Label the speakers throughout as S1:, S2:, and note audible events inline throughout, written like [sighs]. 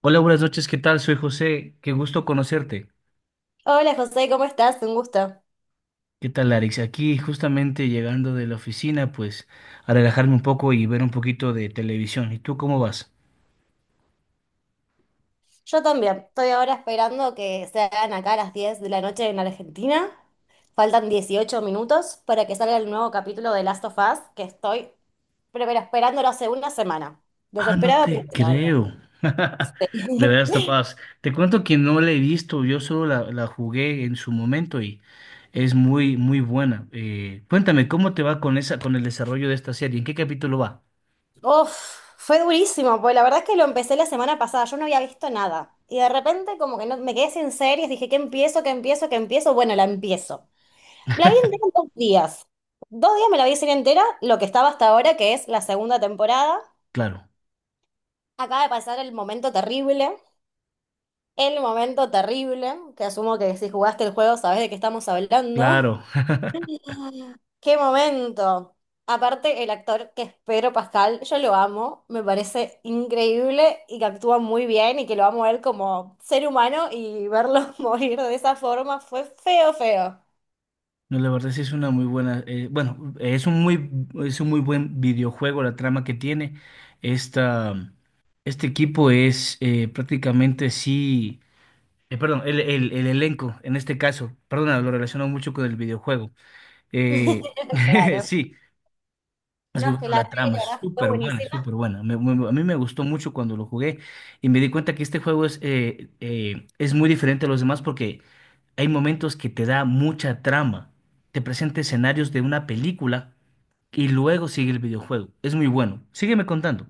S1: Hola, buenas noches, ¿qué tal? Soy José, qué gusto conocerte.
S2: Hola José, ¿cómo estás? Un gusto.
S1: ¿Qué tal, Alex? Aquí justamente llegando de la oficina, pues a relajarme un poco y ver un poquito de televisión. ¿Y tú cómo vas?
S2: Yo también. Estoy ahora esperando que sean acá a las 10 de la noche en Argentina. Faltan 18 minutos para que salga el nuevo capítulo de Last of Us, que estoy pero esperándolo hace una semana.
S1: Ah, no
S2: Desesperada por
S1: te
S2: esperarlo.
S1: creo. [laughs] De
S2: Sí.
S1: veras, capaz. Te cuento que no la he visto, yo solo la jugué en su momento y es muy, muy buena. Cuéntame, ¿cómo te va con con el desarrollo de esta serie? ¿En qué capítulo va?
S2: [laughs] Uf, fue durísimo, pues la verdad es que lo empecé la semana pasada, yo no había visto nada. Y de repente como que no, me quedé sin series, dije, ¿qué empiezo? ¿Qué empiezo? ¿Qué empiezo? Bueno, la empiezo. La vi entera en 2 días. 2 días me la vi serie entera, lo que estaba hasta ahora, que es la segunda temporada.
S1: Claro,
S2: Acaba de pasar el momento terrible. El momento terrible, que asumo que si jugaste el juego sabés de qué estamos hablando.
S1: claro. [laughs]
S2: ¡Qué momento! Aparte, el actor que es Pedro Pascal, yo lo amo, me parece increíble y que actúa muy bien y que lo amo a él como ser humano y verlo [laughs] morir de esa forma fue feo, feo.
S1: No, la verdad sí es una muy buena, bueno, es un muy buen videojuego la trama que tiene. Esta, este equipo es prácticamente sí, perdón, el elenco en este caso, perdona, lo relaciono mucho con el videojuego. Eh, [laughs]
S2: Claro.
S1: sí, es
S2: No,
S1: muy
S2: es que
S1: bueno
S2: la
S1: la
S2: serie
S1: trama, es
S2: la verdad fue
S1: súper buena, es
S2: buenísima.
S1: súper buena. A mí me gustó mucho cuando lo jugué y me di cuenta que este juego es muy diferente a los demás porque hay momentos que te da mucha trama. Te presenta escenarios de una película y luego sigue el videojuego. Es muy bueno. Sígueme contando.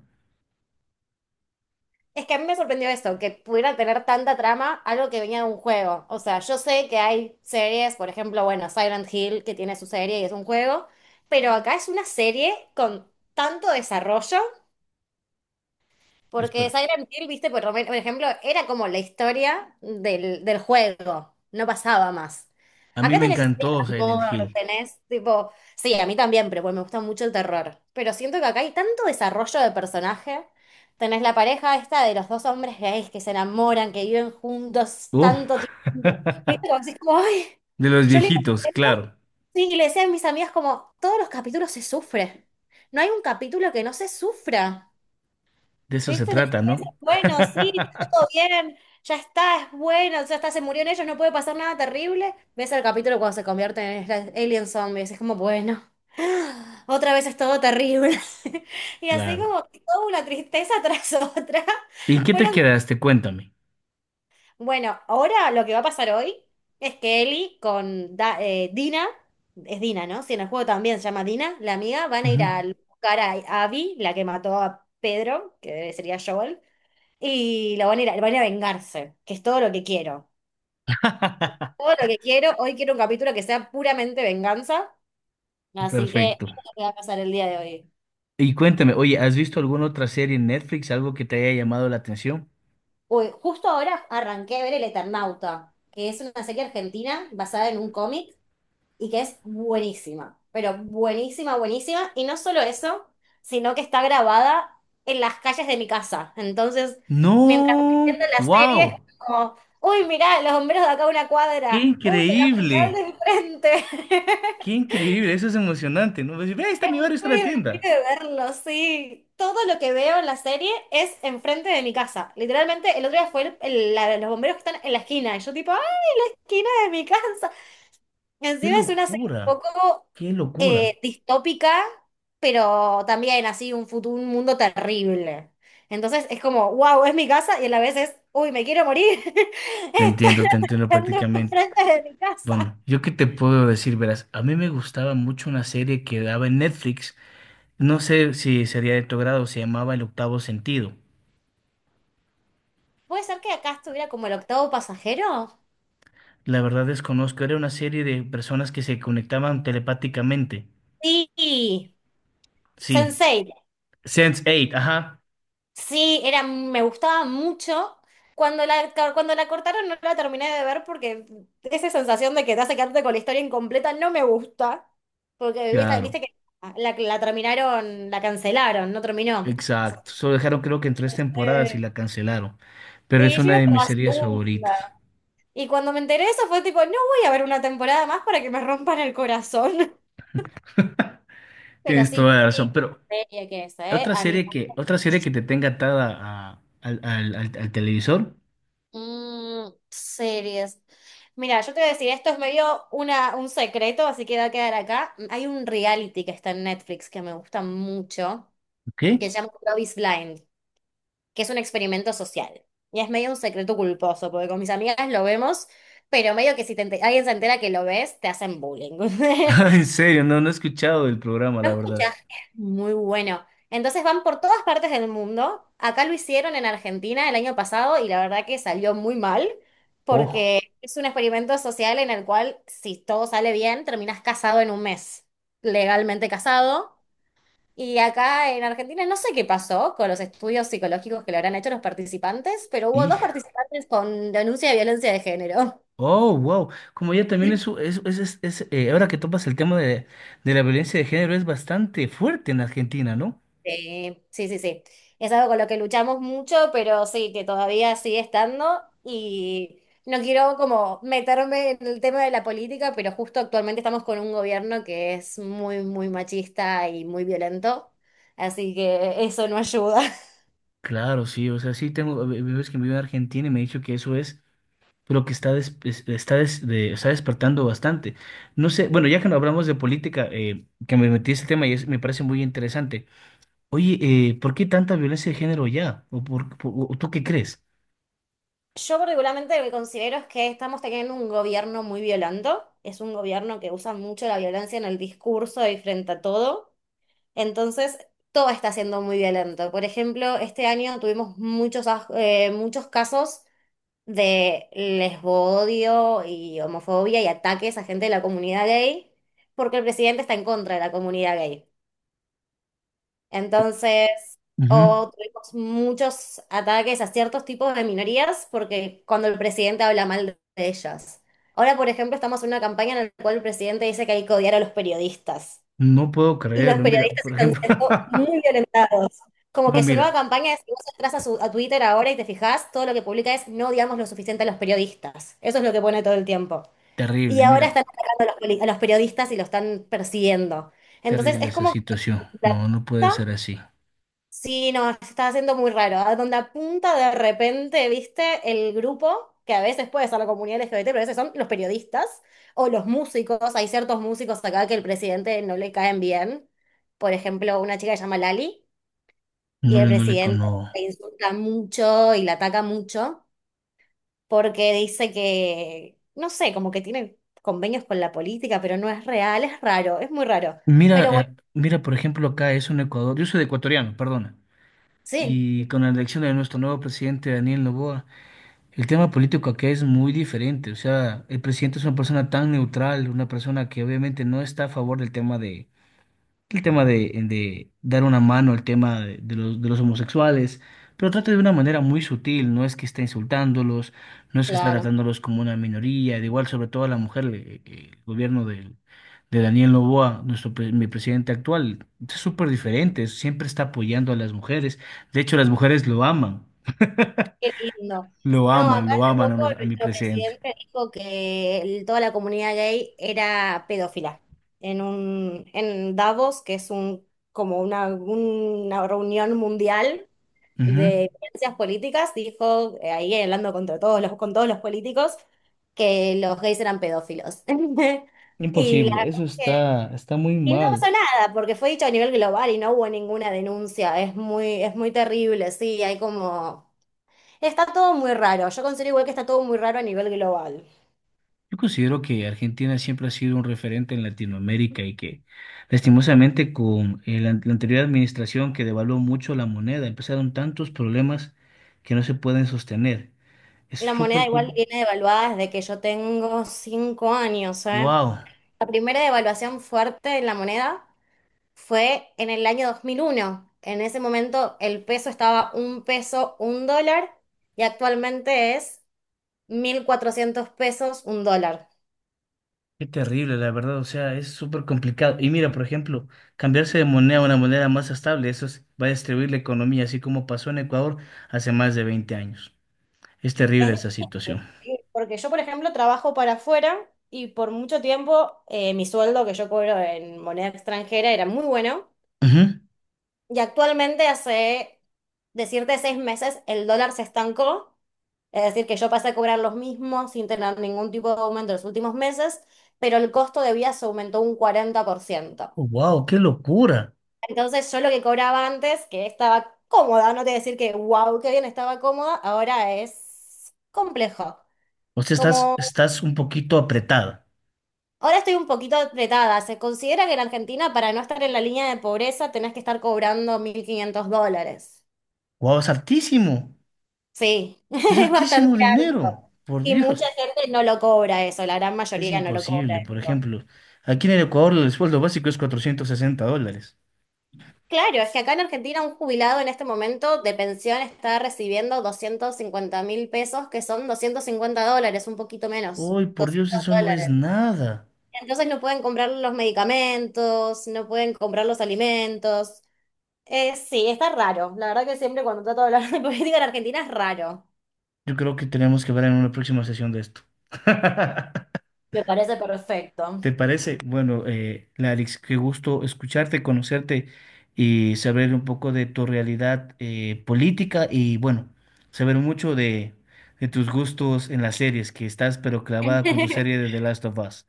S2: Es que a mí me sorprendió esto, que pudiera tener tanta trama algo que venía de un juego. O sea, yo sé que hay series, por ejemplo, bueno, Silent Hill, que tiene su serie y es un juego, pero acá es una serie con tanto desarrollo porque
S1: Espera.
S2: Silent Hill, viste, por ejemplo, era como la historia del juego, no pasaba más.
S1: A mí
S2: Acá
S1: me
S2: tenés historias
S1: encantó
S2: de
S1: Silent
S2: amor,
S1: Hill.
S2: tenés tipo, sí, a mí también, pero bueno, me gusta mucho el terror. Pero siento que acá hay tanto desarrollo de personaje. Tenés la pareja esta de los dos hombres gays que se enamoran, que viven juntos
S1: Uh,
S2: tanto tiempo. Y es
S1: [laughs]
S2: como, así como, ay,
S1: de los
S2: yo le,
S1: viejitos, claro.
S2: sí, y le decía a mis amigas como, todos los capítulos se sufre. No hay un capítulo que no se sufra.
S1: De eso se
S2: Esto,
S1: trata,
S2: decir eso
S1: ¿no?
S2: es bueno, sí, todo
S1: [laughs]
S2: bien, ya está, es bueno, ya está, se murieron ellos, no puede pasar nada terrible. Ves el capítulo cuando se convierten en estas alien zombies, es como, bueno, [gasps] [sighs] otra vez es todo terrible. [laughs] Y así
S1: Claro.
S2: como que toda una tristeza [laughs] tras otra.
S1: ¿Y en qué te
S2: Fueron,
S1: quedaste? Cuéntame.
S2: bueno, ahora lo que va a pasar hoy es que Ellie con Dina, es Dina, ¿no? Si en el juego también se llama Dina, la amiga, van a
S1: Ujú.
S2: ir a buscar a Abby, la que mató a Pedro, que sería Joel. Y lo van a ir a, van a ir a vengarse, que es todo lo que quiero.
S1: [laughs]
S2: Todo lo que quiero. Hoy quiero un capítulo que sea puramente venganza. Así que eso
S1: Perfecto.
S2: es lo que va a pasar el día de hoy.
S1: Y cuéntame, oye, ¿has visto alguna otra serie en Netflix, algo que te haya llamado la atención?
S2: Uy, justo ahora arranqué a ver El Eternauta, que es una serie argentina basada en un cómic y que es buenísima, pero buenísima, buenísima. Y no solo eso, sino que está grabada en las calles de mi casa. Entonces, mientras estoy viendo
S1: No,
S2: la serie,
S1: wow,
S2: es como, uy, mirá, los bomberos de acá a una
S1: qué
S2: cuadra, uy, el hospital de
S1: increíble,
S2: enfrente.
S1: qué
S2: [laughs]
S1: increíble, eso es emocionante, ¿no? Ves, ve, ahí está
S2: Es
S1: mi barrio, está
S2: muy
S1: la tienda.
S2: divertido verlo, sí. Todo lo que veo en la serie es enfrente de mi casa. Literalmente, el otro día fue los bomberos que están en la esquina. Y yo tipo, ¡ah, esquina de mi casa!
S1: Qué
S2: Encima es una serie un
S1: locura,
S2: poco
S1: qué locura.
S2: distópica, pero también así un futuro, un mundo terrible. Entonces es como, wow, es mi casa y a la vez es, uy, me quiero morir. [laughs] Están
S1: Te entiendo
S2: atacando
S1: prácticamente.
S2: enfrente de mi casa.
S1: Bueno, yo qué te puedo decir, verás, a mí me gustaba mucho una serie que daba en Netflix, no sé si sería de tu grado, se llamaba El Octavo Sentido.
S2: ¿Puede ser que acá estuviera como el octavo pasajero?
S1: La verdad desconozco, era una serie de personas que se conectaban telepáticamente.
S2: Sí.
S1: Sí,
S2: Sense eight.
S1: sense eight, ajá.
S2: Sí, era, me gustaba mucho. Cuando la cortaron no la terminé de ver porque esa sensación de que te hace quedarte con la historia incompleta no me gusta. Porque viste,
S1: Claro,
S2: viste que la terminaron, la cancelaron, no terminó.
S1: exacto. Solo dejaron creo que en tres temporadas y
S2: Eh,
S1: la cancelaron. Pero es
S2: Y yo
S1: una
S2: iba
S1: de
S2: por
S1: mis
S2: la
S1: series favoritas.
S2: segunda. Y cuando me enteré de eso fue tipo, no voy a ver una temporada más para que me rompan el corazón. [laughs] Pero
S1: Tienes toda
S2: sí,
S1: la
S2: qué
S1: razón. Pero
S2: linda serie que es, ¿eh? A mí.
S1: otra serie que te tenga atada al televisor,
S2: Series. Mira, yo te voy a decir, esto es medio un secreto, así que va a quedar acá. Hay un reality que está en Netflix que me gusta mucho,
S1: ¿qué?
S2: que se llama Love is Blind, que es un experimento social. Y es medio un secreto culposo, porque con mis amigas lo vemos, pero medio que si alguien se entera que lo ves, te hacen bullying. [laughs]
S1: [laughs] En serio, no, no he escuchado del programa, la verdad.
S2: Mucha gente. Muy bueno. Entonces van por todas partes del mundo. Acá lo hicieron en Argentina el año pasado y la verdad que salió muy mal
S1: Oh,
S2: porque es un experimento social en el cual si todo sale bien terminas casado en un mes, legalmente casado. Y acá en Argentina no sé qué pasó con los estudios psicológicos que le habrán hecho los participantes, pero hubo dos
S1: hijo.
S2: participantes con denuncia de violencia de género.
S1: Oh, wow. Como ya también ahora que topas el tema de la violencia de género, es bastante fuerte en Argentina, ¿no?
S2: Sí, sí, sí, sí. Es algo con lo que luchamos mucho, pero sí, que todavía sigue estando y no quiero como meterme en el tema de la política, pero justo actualmente estamos con un gobierno que es muy, muy machista y muy violento, así que eso no ayuda. [laughs]
S1: Claro, sí, o sea, sí tengo amigos que viven en Argentina y me ha dicho que eso es lo que está, des- es- está, des- de- está despertando bastante. No sé, bueno, ya que no hablamos de política, que me metí en este tema y me parece muy interesante. Oye, ¿por qué tanta violencia de género ya? ¿O o tú qué crees?
S2: Yo particularmente lo que considero es que estamos teniendo un gobierno muy violento, es un gobierno que usa mucho la violencia en el discurso y frente a todo. Entonces, todo está siendo muy violento. Por ejemplo, este año tuvimos muchos casos de lesbodio y homofobia y ataques a gente de la comunidad gay, porque el presidente está en contra de la comunidad gay. Entonces,
S1: Ujú.
S2: o tuvimos muchos ataques a ciertos tipos de minorías, porque cuando el presidente habla mal de ellas. Ahora, por ejemplo, estamos en una campaña en la cual el presidente dice que hay que odiar a los periodistas.
S1: No puedo
S2: Y los
S1: creerlo, mira,
S2: periodistas
S1: por
S2: están
S1: ejemplo,
S2: siendo muy
S1: [laughs]
S2: violentados. Como
S1: no,
S2: que su nueva campaña es, si vos entras a Twitter ahora y te fijás, todo lo que publica es no odiamos lo suficiente a los periodistas. Eso es lo que pone todo el tiempo. Y ahora
S1: mira,
S2: están atacando a a los periodistas y lo están persiguiendo. Entonces
S1: terrible
S2: es
S1: esa
S2: como
S1: situación.
S2: que
S1: No, no puede ser así.
S2: sí, no, se está haciendo muy raro. A donde apunta de repente, viste, el grupo, que a veces puede ser la comunidad LGBT, pero a veces son los periodistas o los músicos. Hay ciertos músicos acá que el presidente no le caen bien. Por ejemplo, una chica que se llama Lali y
S1: No
S2: el
S1: le, no le, con-
S2: presidente
S1: no.
S2: la insulta mucho y la ataca mucho porque dice que, no sé, como que tiene convenios con la política, pero no es real, es raro, es muy raro.
S1: Mira,
S2: Pero bueno,
S1: mira, por ejemplo, acá es un Ecuador, yo soy de ecuatoriano, perdona.
S2: sí,
S1: Y con la elección de nuestro nuevo presidente Daniel Noboa, el tema político acá es muy diferente. O sea, el presidente es una persona tan neutral, una persona que obviamente no está a favor del tema de, el tema de, dar una mano al tema de los homosexuales, pero trata de una manera muy sutil, no es que está insultándolos, no es que está
S2: claro.
S1: tratándolos como una minoría, de igual sobre todo a la mujer, el gobierno de Daniel Noboa, mi presidente actual, es súper diferente, siempre está apoyando a las mujeres, de hecho las mujeres lo aman,
S2: Qué lindo.
S1: lo
S2: No, acá
S1: aman, lo
S2: hace
S1: aman a,
S2: poco
S1: nos- a mi
S2: nuestro
S1: presidente.
S2: presidente dijo que toda la comunidad gay era pedófila. En Davos, que es como una reunión mundial
S1: Ujú.
S2: de ciencias políticas, dijo, ahí hablando contra con todos los políticos, que los gays eran pedófilos. [laughs] Y la
S1: Imposible,
S2: verdad
S1: eso
S2: es que,
S1: está, está muy
S2: y no pasó
S1: mal.
S2: nada, porque fue dicho a nivel global y no hubo ninguna denuncia. Es muy terrible, sí, hay como. Está todo muy raro. Yo considero igual que está todo muy raro a nivel global.
S1: Yo considero que Argentina siempre ha sido un referente en Latinoamérica y que lastimosamente con la anterior administración que devaluó mucho la moneda, empezaron tantos problemas que no se pueden sostener. Es
S2: La moneda
S1: súper...
S2: igual viene devaluada desde que yo tengo 5 años, ¿eh?
S1: ¡Wow!
S2: La primera devaluación fuerte de la moneda fue en el año 2001. En ese momento el peso estaba un peso, un dólar, y actualmente es 1.400 pesos, un dólar.
S1: Qué terrible, la verdad. O sea, es súper complicado. Y mira, por ejemplo, cambiarse de moneda a una moneda más estable, eso va a destruir la economía, así como pasó en Ecuador hace más de 20 años. Es
S2: Es
S1: terrible esa
S2: difícil,
S1: situación.
S2: ¿sí? Porque yo, por ejemplo, trabajo para afuera y por mucho tiempo mi sueldo que yo cobro en moneda extranjera era muy bueno. Y actualmente hace, decirte, 6 meses, el dólar se estancó. Es decir, que yo pasé a cobrar los mismos sin tener ningún tipo de aumento en los últimos meses, pero el costo de vida se aumentó un 40%.
S1: ¡Wow! ¡Qué locura!
S2: Entonces yo lo que cobraba antes, que estaba cómoda, no te voy a decir que wow, qué bien, estaba cómoda, ahora es complejo.
S1: O sea, estás,
S2: Como
S1: estás un poquito apretada.
S2: ahora estoy un poquito apretada, se considera que en Argentina para no estar en la línea de pobreza tenés que estar cobrando 1.500 dólares.
S1: Guau, es altísimo.
S2: Sí, [laughs]
S1: Es
S2: es bastante
S1: altísimo
S2: alto.
S1: dinero. Por
S2: Y mucha
S1: Dios.
S2: gente no lo cobra eso, la gran
S1: Es
S2: mayoría no lo cobra
S1: imposible. Por
S2: eso.
S1: ejemplo, aquí en el Ecuador el sueldo básico es $460.
S2: Claro, es que acá en Argentina un jubilado en este momento de pensión está recibiendo 250.000 pesos, que son 250 dólares, un poquito menos.
S1: Uy, por Dios,
S2: 200
S1: eso no es
S2: dólares.
S1: nada.
S2: Entonces no pueden comprar los medicamentos, no pueden comprar los alimentos. Sí, está raro. La verdad que siempre cuando trato de hablar de [laughs] política en Argentina es raro.
S1: Yo creo que tenemos que ver en una próxima sesión de esto. [laughs]
S2: Me parece perfecto.
S1: ¿Te parece? Bueno, Larix, qué gusto escucharte, conocerte y saber un poco de tu realidad política y bueno, saber mucho de tus gustos en las series, que estás pero clavada con tu serie
S2: [laughs]
S1: de The Last of Us.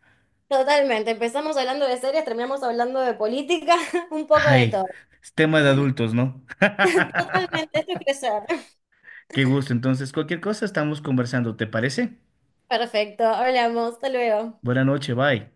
S2: Totalmente, empezamos hablando de series, terminamos hablando de política, [laughs] un poco de
S1: Ay,
S2: todo.
S1: es tema de adultos, ¿no?
S2: Totalmente, esto es
S1: [laughs]
S2: crecer. [laughs]
S1: Qué gusto. Entonces, cualquier cosa estamos conversando, ¿te parece?
S2: Perfecto, hablamos, hasta luego.
S1: Buena noche, bye.